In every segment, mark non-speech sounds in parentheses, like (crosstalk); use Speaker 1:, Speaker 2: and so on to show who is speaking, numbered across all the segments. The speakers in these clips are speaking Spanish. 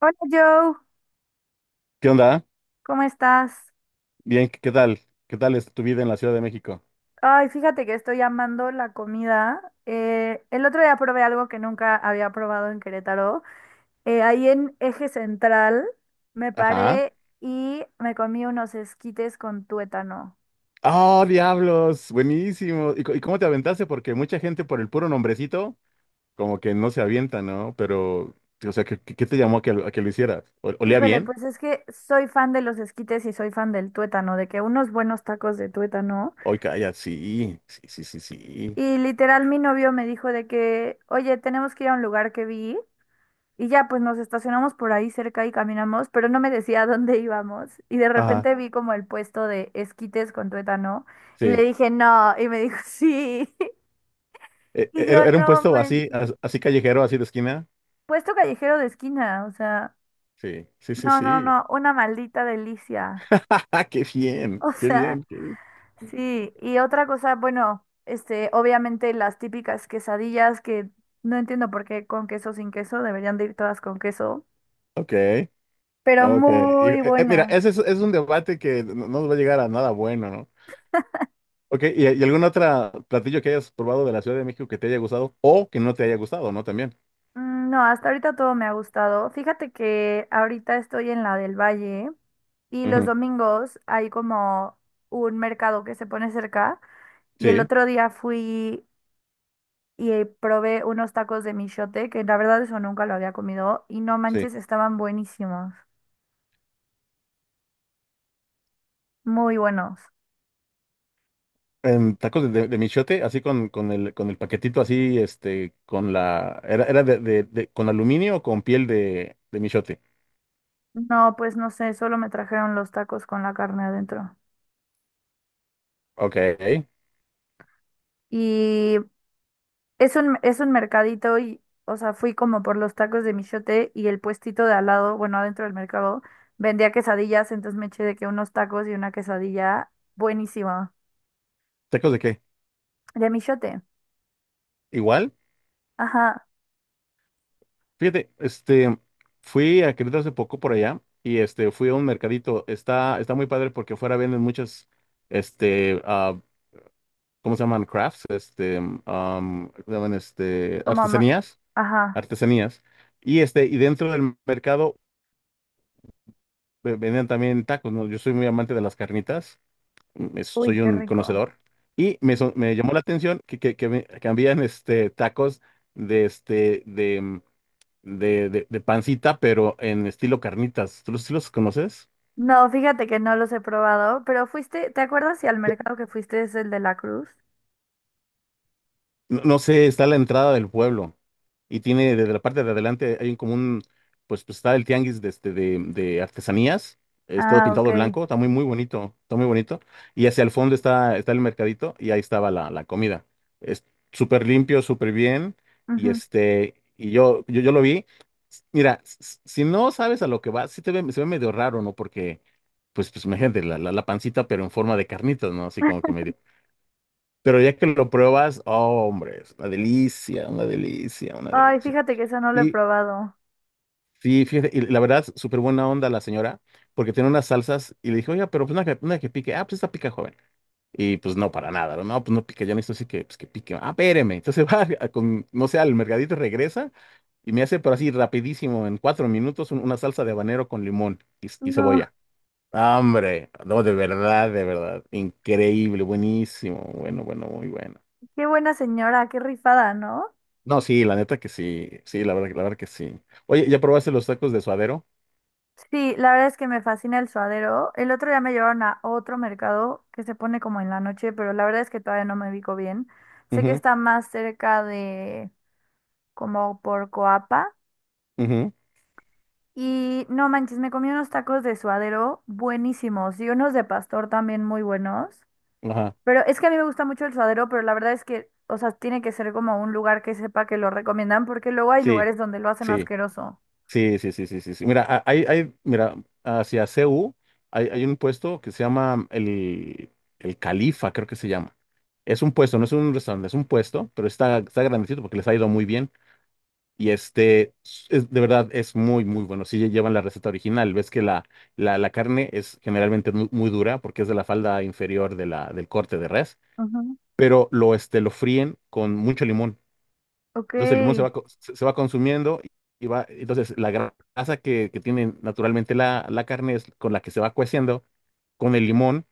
Speaker 1: Hola Joe,
Speaker 2: ¿Qué onda?
Speaker 1: ¿cómo estás?
Speaker 2: Bien, ¿qué tal? ¿Qué tal es tu vida en la Ciudad de México?
Speaker 1: Ay, fíjate que estoy amando la comida. El otro día probé algo que nunca había probado en Querétaro. Ahí en Eje Central me
Speaker 2: Ajá.
Speaker 1: paré y me comí unos esquites con tuétano.
Speaker 2: ¡Oh, diablos! Buenísimo. ¿Y, y cómo te aventaste? Porque mucha gente por el puro nombrecito, como que no se avienta, ¿no? Pero, o sea, ¿qué te llamó a que, a que lo hicieras? ¿Olía
Speaker 1: Híjole,
Speaker 2: bien?
Speaker 1: pues es que soy fan de los esquites y soy fan del tuétano, de que unos buenos tacos de tuétano.
Speaker 2: Hoy calla, sí, sí, sí, sí, sí.
Speaker 1: Y literal mi novio me dijo de que, oye, tenemos que ir a un lugar que vi. Y ya pues nos estacionamos por ahí cerca y caminamos, pero no me decía a dónde íbamos. Y de
Speaker 2: Ajá,
Speaker 1: repente vi como el puesto de esquites con tuétano y
Speaker 2: sí.
Speaker 1: le dije no, y me dijo sí. (laughs) Y yo
Speaker 2: ¿Era, era un
Speaker 1: no
Speaker 2: puesto así,
Speaker 1: manches.
Speaker 2: así callejero, así de esquina?
Speaker 1: Puesto callejero de esquina, o sea,
Speaker 2: Sí, sí, sí,
Speaker 1: no, no,
Speaker 2: sí.
Speaker 1: no, una maldita
Speaker 2: (laughs)
Speaker 1: delicia.
Speaker 2: ¡Ja,
Speaker 1: (laughs)
Speaker 2: ja! ¡Qué bien!
Speaker 1: O
Speaker 2: ¡Qué
Speaker 1: sea,
Speaker 2: bien! ¡Qué bien!
Speaker 1: sí. Y otra cosa, bueno, obviamente las típicas quesadillas que no entiendo por qué con queso sin queso, deberían de ir todas con queso,
Speaker 2: Ok.
Speaker 1: pero
Speaker 2: Ok, y,
Speaker 1: muy
Speaker 2: mira,
Speaker 1: buenas.
Speaker 2: ese es un debate que no nos va a llegar a nada bueno, ¿no? Ok, ¿y algún otro platillo que hayas probado de la Ciudad de México que te haya gustado o que no te haya gustado, ¿no? También.
Speaker 1: No, hasta ahorita todo me ha gustado. Fíjate que ahorita estoy en la del Valle y los
Speaker 2: Ujú.
Speaker 1: domingos hay como un mercado que se pone cerca y el
Speaker 2: Sí,
Speaker 1: otro día fui y probé unos tacos de michote, que la verdad eso nunca lo había comido y no
Speaker 2: sí.
Speaker 1: manches, estaban buenísimos, muy buenos.
Speaker 2: En tacos de michote, así con el paquetito así, era de, con aluminio o con piel de michote.
Speaker 1: No, pues no sé, solo me trajeron los tacos con la carne adentro.
Speaker 2: Ok.
Speaker 1: Y es un mercadito y, o sea, fui como por los tacos de michote y el puestito de al lado, bueno, adentro del mercado, vendía quesadillas, entonces me eché de que unos tacos y una quesadilla buenísima.
Speaker 2: ¿Tacos de qué?
Speaker 1: De michote.
Speaker 2: ¿Igual?
Speaker 1: Ajá,
Speaker 2: Fíjate, fui a Querétaro hace poco por allá y fui a un mercadito. Está muy padre porque afuera venden muchas, este, ah, ¿cómo se llaman? Crafts, ¿cómo se llaman?
Speaker 1: como ma-
Speaker 2: Artesanías,
Speaker 1: ajá.
Speaker 2: artesanías. Y dentro del mercado vendían también tacos, ¿no? Yo soy muy amante de las carnitas,
Speaker 1: Uy,
Speaker 2: soy
Speaker 1: qué
Speaker 2: un
Speaker 1: rico.
Speaker 2: conocedor. Y me llamó la atención que, que habían, tacos de, este, de pancita, pero en estilo carnitas. ¿Tú los, sí los conoces?
Speaker 1: No, fíjate que no los he probado, pero fuiste, ¿te acuerdas si al mercado que fuiste es el de la Cruz?
Speaker 2: No, no sé, está la entrada del pueblo y tiene desde la parte de adelante hay un común, pues está el tianguis de artesanías, es todo
Speaker 1: Ah,
Speaker 2: pintado
Speaker 1: ok.
Speaker 2: de blanco, está muy, muy bonito, está muy bonito. Y hacia el fondo está el mercadito y ahí estaba la comida. Es súper limpio, súper bien y
Speaker 1: Ujú.
Speaker 2: este, y yo lo vi. Mira, si no sabes a lo que va, se ve medio raro, ¿no? Porque, pues imagínate, la pancita, pero en forma de carnitas, ¿no? Así como que medio. Pero ya que lo pruebas, oh, hombre, es una delicia, una delicia, una
Speaker 1: Ay,
Speaker 2: delicia.
Speaker 1: fíjate que eso no lo he
Speaker 2: Y
Speaker 1: probado.
Speaker 2: sí, fíjate, y la verdad, súper buena onda la señora, porque tiene unas salsas y le dije, oiga, pero pues una que pique, ah, pues esta pica joven. Y pues no, para nada, no, no, pues no pica, yo necesito así que, pues, que pique, ah, espéreme. Entonces (laughs) va, con, no sé, al mercadito regresa y me hace, pero así rapidísimo, en 4 minutos, una salsa de habanero con limón y
Speaker 1: No,
Speaker 2: cebolla. Ah, hombre, no, de verdad, increíble, buenísimo, bueno, bueno, muy bueno.
Speaker 1: qué buena señora, qué rifada, ¿no?
Speaker 2: No, sí, la neta que sí. Sí, la verdad que sí. Oye, ¿ya probaste los tacos de suadero?
Speaker 1: Sí, la verdad es que me fascina el suadero. El otro día me llevaron a otro mercado que se pone como en la noche, pero la verdad es que todavía no me ubico bien. Sé que
Speaker 2: Ujú,
Speaker 1: está más cerca de como por Coapa.
Speaker 2: ujú.
Speaker 1: Y no manches, me comí unos tacos de suadero buenísimos y unos de pastor también muy buenos.
Speaker 2: Ajá.
Speaker 1: Pero es que a mí me gusta mucho el suadero, pero la verdad es que, o sea, tiene que ser como un lugar que sepa que lo recomiendan, porque luego hay
Speaker 2: Sí,
Speaker 1: lugares donde lo hacen
Speaker 2: sí,
Speaker 1: asqueroso.
Speaker 2: sí, sí, sí, sí, sí, sí. Mira, hacia CU hay un puesto que se llama el Califa, creo que se llama. Es un puesto, no es un restaurante, es un puesto, pero está grandecito porque les ha ido muy bien. Y este, de verdad, es muy, muy bueno. Si llevan la receta original, ves que la carne es generalmente muy, dura porque es de la falda inferior del corte de res,
Speaker 1: Ujú.
Speaker 2: pero lo fríen con mucho limón.
Speaker 1: Ok.
Speaker 2: Entonces el limón se va consumiendo entonces la grasa que tiene naturalmente la carne es con la que se va cueciendo con el limón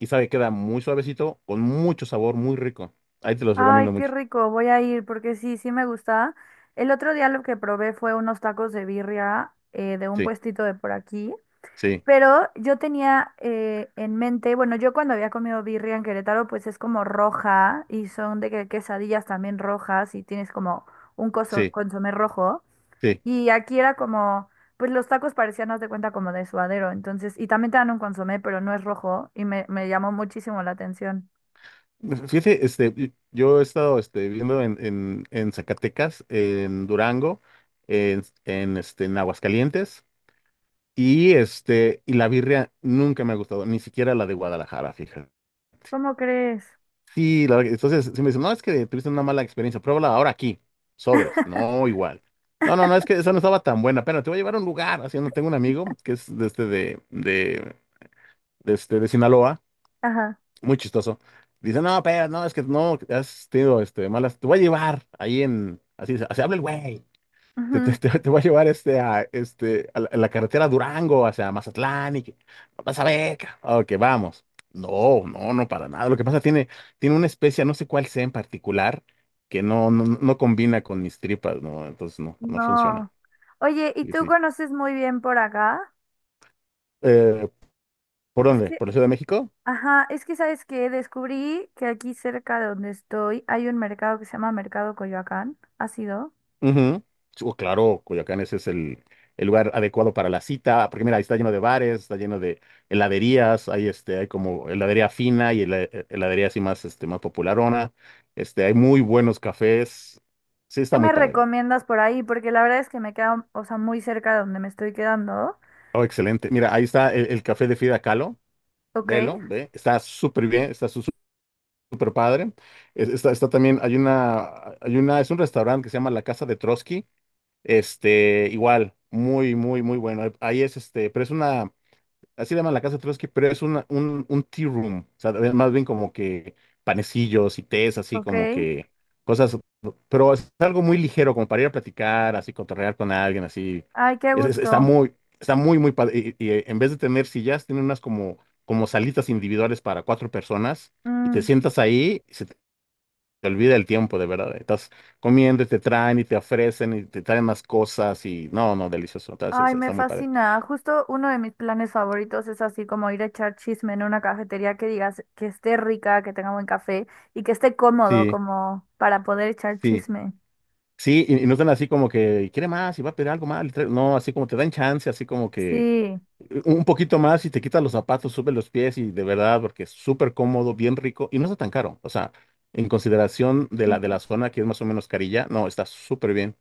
Speaker 2: y sabe, queda muy suavecito, con mucho sabor, muy rico. Ahí te los recomiendo
Speaker 1: Ay, qué
Speaker 2: mucho.
Speaker 1: rico, voy a ir porque sí, sí me gusta. El otro día lo que probé fue unos tacos de birria de un
Speaker 2: Sí,
Speaker 1: puestito de por aquí,
Speaker 2: sí,
Speaker 1: pero yo tenía en mente, bueno, yo cuando había comido birria en Querétaro, pues es como roja y son de que quesadillas también rojas y tienes como un
Speaker 2: sí,
Speaker 1: consomé rojo.
Speaker 2: sí.
Speaker 1: Y aquí era como, pues los tacos parecían, haz de cuenta, como de suadero, entonces, y también te dan un consomé, pero no es rojo y me llamó muchísimo la atención.
Speaker 2: Fíjate, yo he estado viviendo en, en Zacatecas, en Durango, en Aguascalientes, y la birria nunca me ha gustado, ni siquiera la de Guadalajara, fíjate.
Speaker 1: ¿Cómo crees?
Speaker 2: Sí, entonces, si me dicen, no, es que tuviste una mala experiencia, pruébala ahora aquí, sobres, no, igual. No, no, no, es que esa no estaba tan buena, pero te voy a llevar a un lugar, así, no tengo un amigo que es de, este, de, este, de Sinaloa.
Speaker 1: Ajá.
Speaker 2: Muy chistoso. Dice, no, pero no, es que no, has tenido malas, te voy a llevar ahí en, así, se así habla el güey, te, te,
Speaker 1: Ujú.
Speaker 2: te- te voy a llevar a la carretera Durango, hacia Mazatlán, y que, vas a ver, Ok, vamos. No, no, no, para nada. Lo que pasa, tiene una especie, no sé cuál sea en particular, que no, no, no no combina con mis tripas, ¿no? Entonces, no, no funciona.
Speaker 1: No. Oye, ¿y
Speaker 2: Sí,
Speaker 1: tú
Speaker 2: sí.
Speaker 1: conoces muy bien por acá?
Speaker 2: Eh, ¿Por
Speaker 1: Es
Speaker 2: dónde?
Speaker 1: que,
Speaker 2: ¿Por la Ciudad de México?
Speaker 1: ajá, es que sabes que descubrí que aquí cerca de donde estoy hay un mercado que se llama Mercado Coyoacán. ¿Has ido?
Speaker 2: Ujú. Sí, oh, claro, Coyoacán ese es el lugar adecuado para la cita, porque mira, ahí está lleno de bares, está lleno de heladerías, hay como heladería fina y heladería así más, más popularona, hay muy buenos cafés, sí,
Speaker 1: ¿Qué
Speaker 2: está muy
Speaker 1: me
Speaker 2: padre.
Speaker 1: recomiendas por ahí? Porque la verdad es que me queda, o sea, muy cerca de donde me estoy quedando.
Speaker 2: Oh, excelente. Mira, ahí está el café de Frida Kahlo,
Speaker 1: Ok,
Speaker 2: ve, está súper bien, está super padre. Está, está también, es un restaurante que se llama La Casa de Trotsky. Igual, muy, muy, muy bueno. Ahí es pero es una, así le llaman la casa de Trotsky, pero es un tea room, o sea, es más bien como que panecillos y tés, así como
Speaker 1: ok.
Speaker 2: que cosas, pero es algo muy ligero, como para ir a platicar, así cotorrear con alguien, así.
Speaker 1: Ay, qué
Speaker 2: Es- es- está
Speaker 1: gusto.
Speaker 2: muy, está muy, muy padre, y, en vez de tener sillas, tiene unas como salitas individuales para cuatro personas, y te
Speaker 1: Mm,
Speaker 2: sientas ahí, y se te olvida el tiempo, de verdad, estás comiendo y te traen y te ofrecen y te traen más cosas, y no, no, delicioso, entonces
Speaker 1: Ay,
Speaker 2: está
Speaker 1: me
Speaker 2: está muy padre,
Speaker 1: fascina. Justo uno de mis planes favoritos es así como ir a echar chisme en una cafetería que digas que esté rica, que tenga buen café y que esté cómodo
Speaker 2: sí,
Speaker 1: como para poder echar
Speaker 2: sí.
Speaker 1: chisme.
Speaker 2: Sí, y no están así como que quiere más y va a pedir algo más. No, así como te dan chance, así como que
Speaker 1: Sí.
Speaker 2: un poquito más y te quitas los zapatos, sube los pies y de verdad, porque es súper cómodo, bien rico y no está tan caro. O sea, en consideración de la, de
Speaker 1: Ujú.
Speaker 2: la zona que es más o menos carilla, no, está súper bien.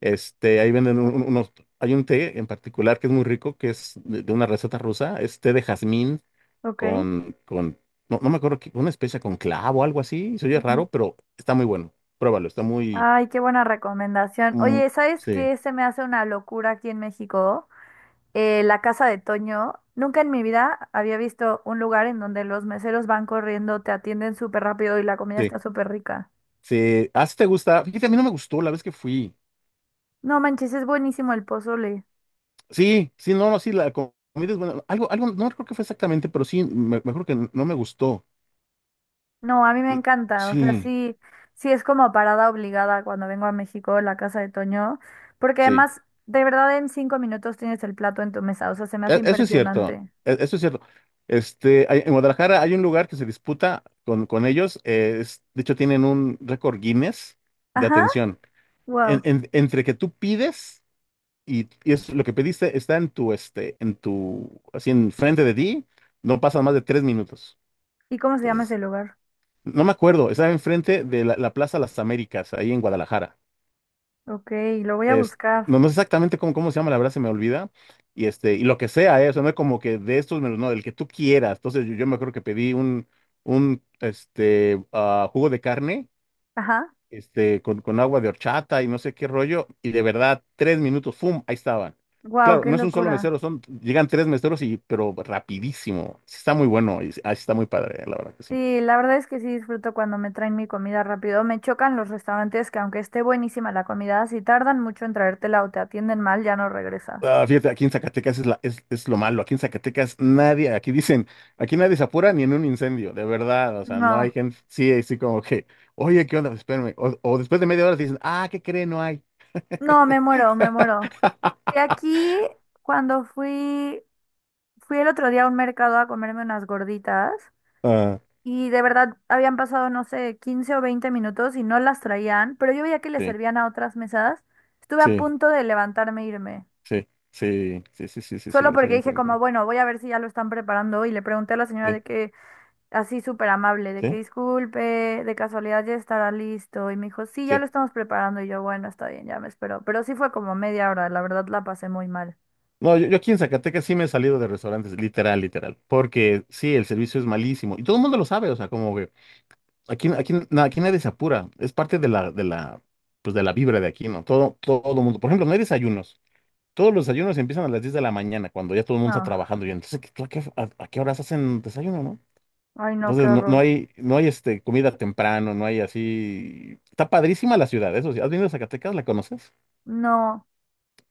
Speaker 2: Ahí venden hay un té en particular que es muy rico, que es de una receta rusa, es té de jazmín
Speaker 1: Ok.
Speaker 2: con, con, no, no me acuerdo, una especia con clavo o algo así, se oye
Speaker 1: Ujú.
Speaker 2: raro, pero está muy bueno. Pruébalo, está muy,
Speaker 1: Ay, qué buena recomendación.
Speaker 2: mm,
Speaker 1: Oye, ¿sabes
Speaker 2: sí.
Speaker 1: qué se me hace una locura aquí en México? La casa de Toño. Nunca en mi vida había visto un lugar en donde los meseros van corriendo, te atienden súper rápido y la comida
Speaker 2: Sí,
Speaker 1: está súper rica.
Speaker 2: sí. Ah, sí te gusta. Fíjate, a mí no me gustó la vez que fui.
Speaker 1: No manches, es buenísimo el pozole.
Speaker 2: Sí, sí, no, no, sí, la comida es buena. Algo, algo, no recuerdo qué fue exactamente, pero sí, mejor que no me gustó.
Speaker 1: No, a mí me
Speaker 2: Mm,
Speaker 1: encanta, o sea,
Speaker 2: sí,
Speaker 1: sí, sí es como parada obligada cuando vengo a México, la casa de Toño, porque
Speaker 2: sí.
Speaker 1: además, de verdad, en 5 minutos tienes el plato en tu mesa, o sea, se me hace
Speaker 2: Eso es cierto.
Speaker 1: impresionante.
Speaker 2: Eso es cierto. En Guadalajara hay un lugar que se disputa con ellos. De hecho, tienen un récord Guinness de
Speaker 1: Ajá,
Speaker 2: atención. En-
Speaker 1: wow.
Speaker 2: en- entre que tú pides y es lo que pediste está en tu, en tu, así enfrente de ti, no pasan más de 3 minutos.
Speaker 1: ¿Y cómo se llama
Speaker 2: Entonces,
Speaker 1: ese lugar?
Speaker 2: no me acuerdo, estaba enfrente de la Plaza Las Américas, ahí en Guadalajara.
Speaker 1: Ok, lo voy a
Speaker 2: Es-
Speaker 1: buscar.
Speaker 2: no, no sé exactamente cómo se llama, la verdad se me olvida. Y lo que sea, ¿eh? O sea, no es como que de estos menús, no, del que tú quieras. Entonces yo me acuerdo que pedí un jugo de carne,
Speaker 1: Ajá,
Speaker 2: con agua de horchata y no sé qué rollo. Y de verdad, 3 minutos, ¡fum! Ahí estaban.
Speaker 1: wow,
Speaker 2: Claro,
Speaker 1: qué
Speaker 2: no es un solo
Speaker 1: locura.
Speaker 2: mesero, llegan tres meseros, y, pero rapidísimo. Sí está muy bueno, sí está muy padre, ¿eh? La verdad que sí.
Speaker 1: Sí, la verdad es que sí disfruto cuando me traen mi comida rápido. Me chocan los restaurantes que aunque esté buenísima la comida, si tardan mucho en traértela o te atienden mal, ya no regresas.
Speaker 2: Ah, fíjate, aquí en Zacatecas es lo malo. Aquí en Zacatecas nadie, aquí dicen, aquí nadie se apura ni en un incendio, de verdad. O sea, no hay
Speaker 1: No,
Speaker 2: gente, sí, así como que, oye, ¿qué onda? Espérame. O después de media hora te dicen, ah, ¿qué cree? No hay.
Speaker 1: no, me muero, me muero. Y
Speaker 2: (laughs)
Speaker 1: aquí, cuando fui, fui el otro día a un mercado a comerme unas gorditas
Speaker 2: Ah,
Speaker 1: y de verdad habían pasado, no sé, 15 o 20 minutos y no las traían, pero yo veía que les
Speaker 2: sí,
Speaker 1: servían a otras mesas. Estuve a
Speaker 2: sí,
Speaker 1: punto de levantarme e irme,
Speaker 2: sí, sí, sí, sí, sí, sí, sí,
Speaker 1: solo
Speaker 2: sí lo
Speaker 1: porque dije como,
Speaker 2: entiendo.
Speaker 1: bueno, voy a ver si ya lo están preparando y le pregunté a la señora
Speaker 2: Sí,
Speaker 1: de que, así súper amable, de que
Speaker 2: sí,
Speaker 1: disculpe, de casualidad ya estará listo y me dijo, sí, ya lo
Speaker 2: sí.
Speaker 1: estamos preparando y yo, bueno, está bien, ya me espero, pero sí fue como media hora, la verdad la pasé muy mal.
Speaker 2: No, yo aquí en Zacatecas sí me he salido de restaurantes, literal, literal, porque sí, el servicio es malísimo y todo el mundo lo sabe, o sea, como que. Aquí nadie se apura. Es parte de la, pues de la vibra de aquí, ¿no? Todo, todo el mundo. Por ejemplo, no hay desayunos. Todos los desayunos empiezan a las 10 de la mañana, cuando ya todo el mundo está
Speaker 1: No,
Speaker 2: trabajando. Y entonces, tú a qué horas hacen desayuno, no?
Speaker 1: ay no, qué
Speaker 2: Entonces, no no
Speaker 1: horror.
Speaker 2: hay, no hay este, comida temprano, no hay así. Está padrísima la ciudad, eso sí. ¿Has venido a Zacatecas? ¿La conoces?
Speaker 1: No,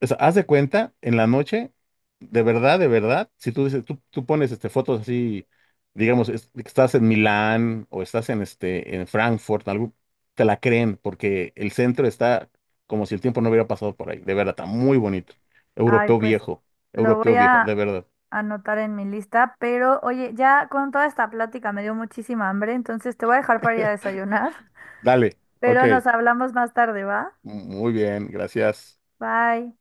Speaker 2: O sea, haz de cuenta, en la noche, de verdad, si tú dices, tú pones fotos así, digamos, estás en Milán o estás en Frankfurt, algo, te la creen porque el centro está como si el tiempo no hubiera pasado por ahí. De verdad, está muy bonito.
Speaker 1: ay,
Speaker 2: Europeo
Speaker 1: pues
Speaker 2: viejo,
Speaker 1: lo voy
Speaker 2: europeo viejo,
Speaker 1: a
Speaker 2: de verdad.
Speaker 1: anotar en mi lista, pero oye, ya con toda esta plática me dio muchísima hambre, entonces te voy a dejar para ir a
Speaker 2: (laughs)
Speaker 1: desayunar,
Speaker 2: Dale,
Speaker 1: (laughs)
Speaker 2: ok.
Speaker 1: pero nos hablamos más tarde, ¿va?
Speaker 2: Muy bien, gracias.
Speaker 1: Bye.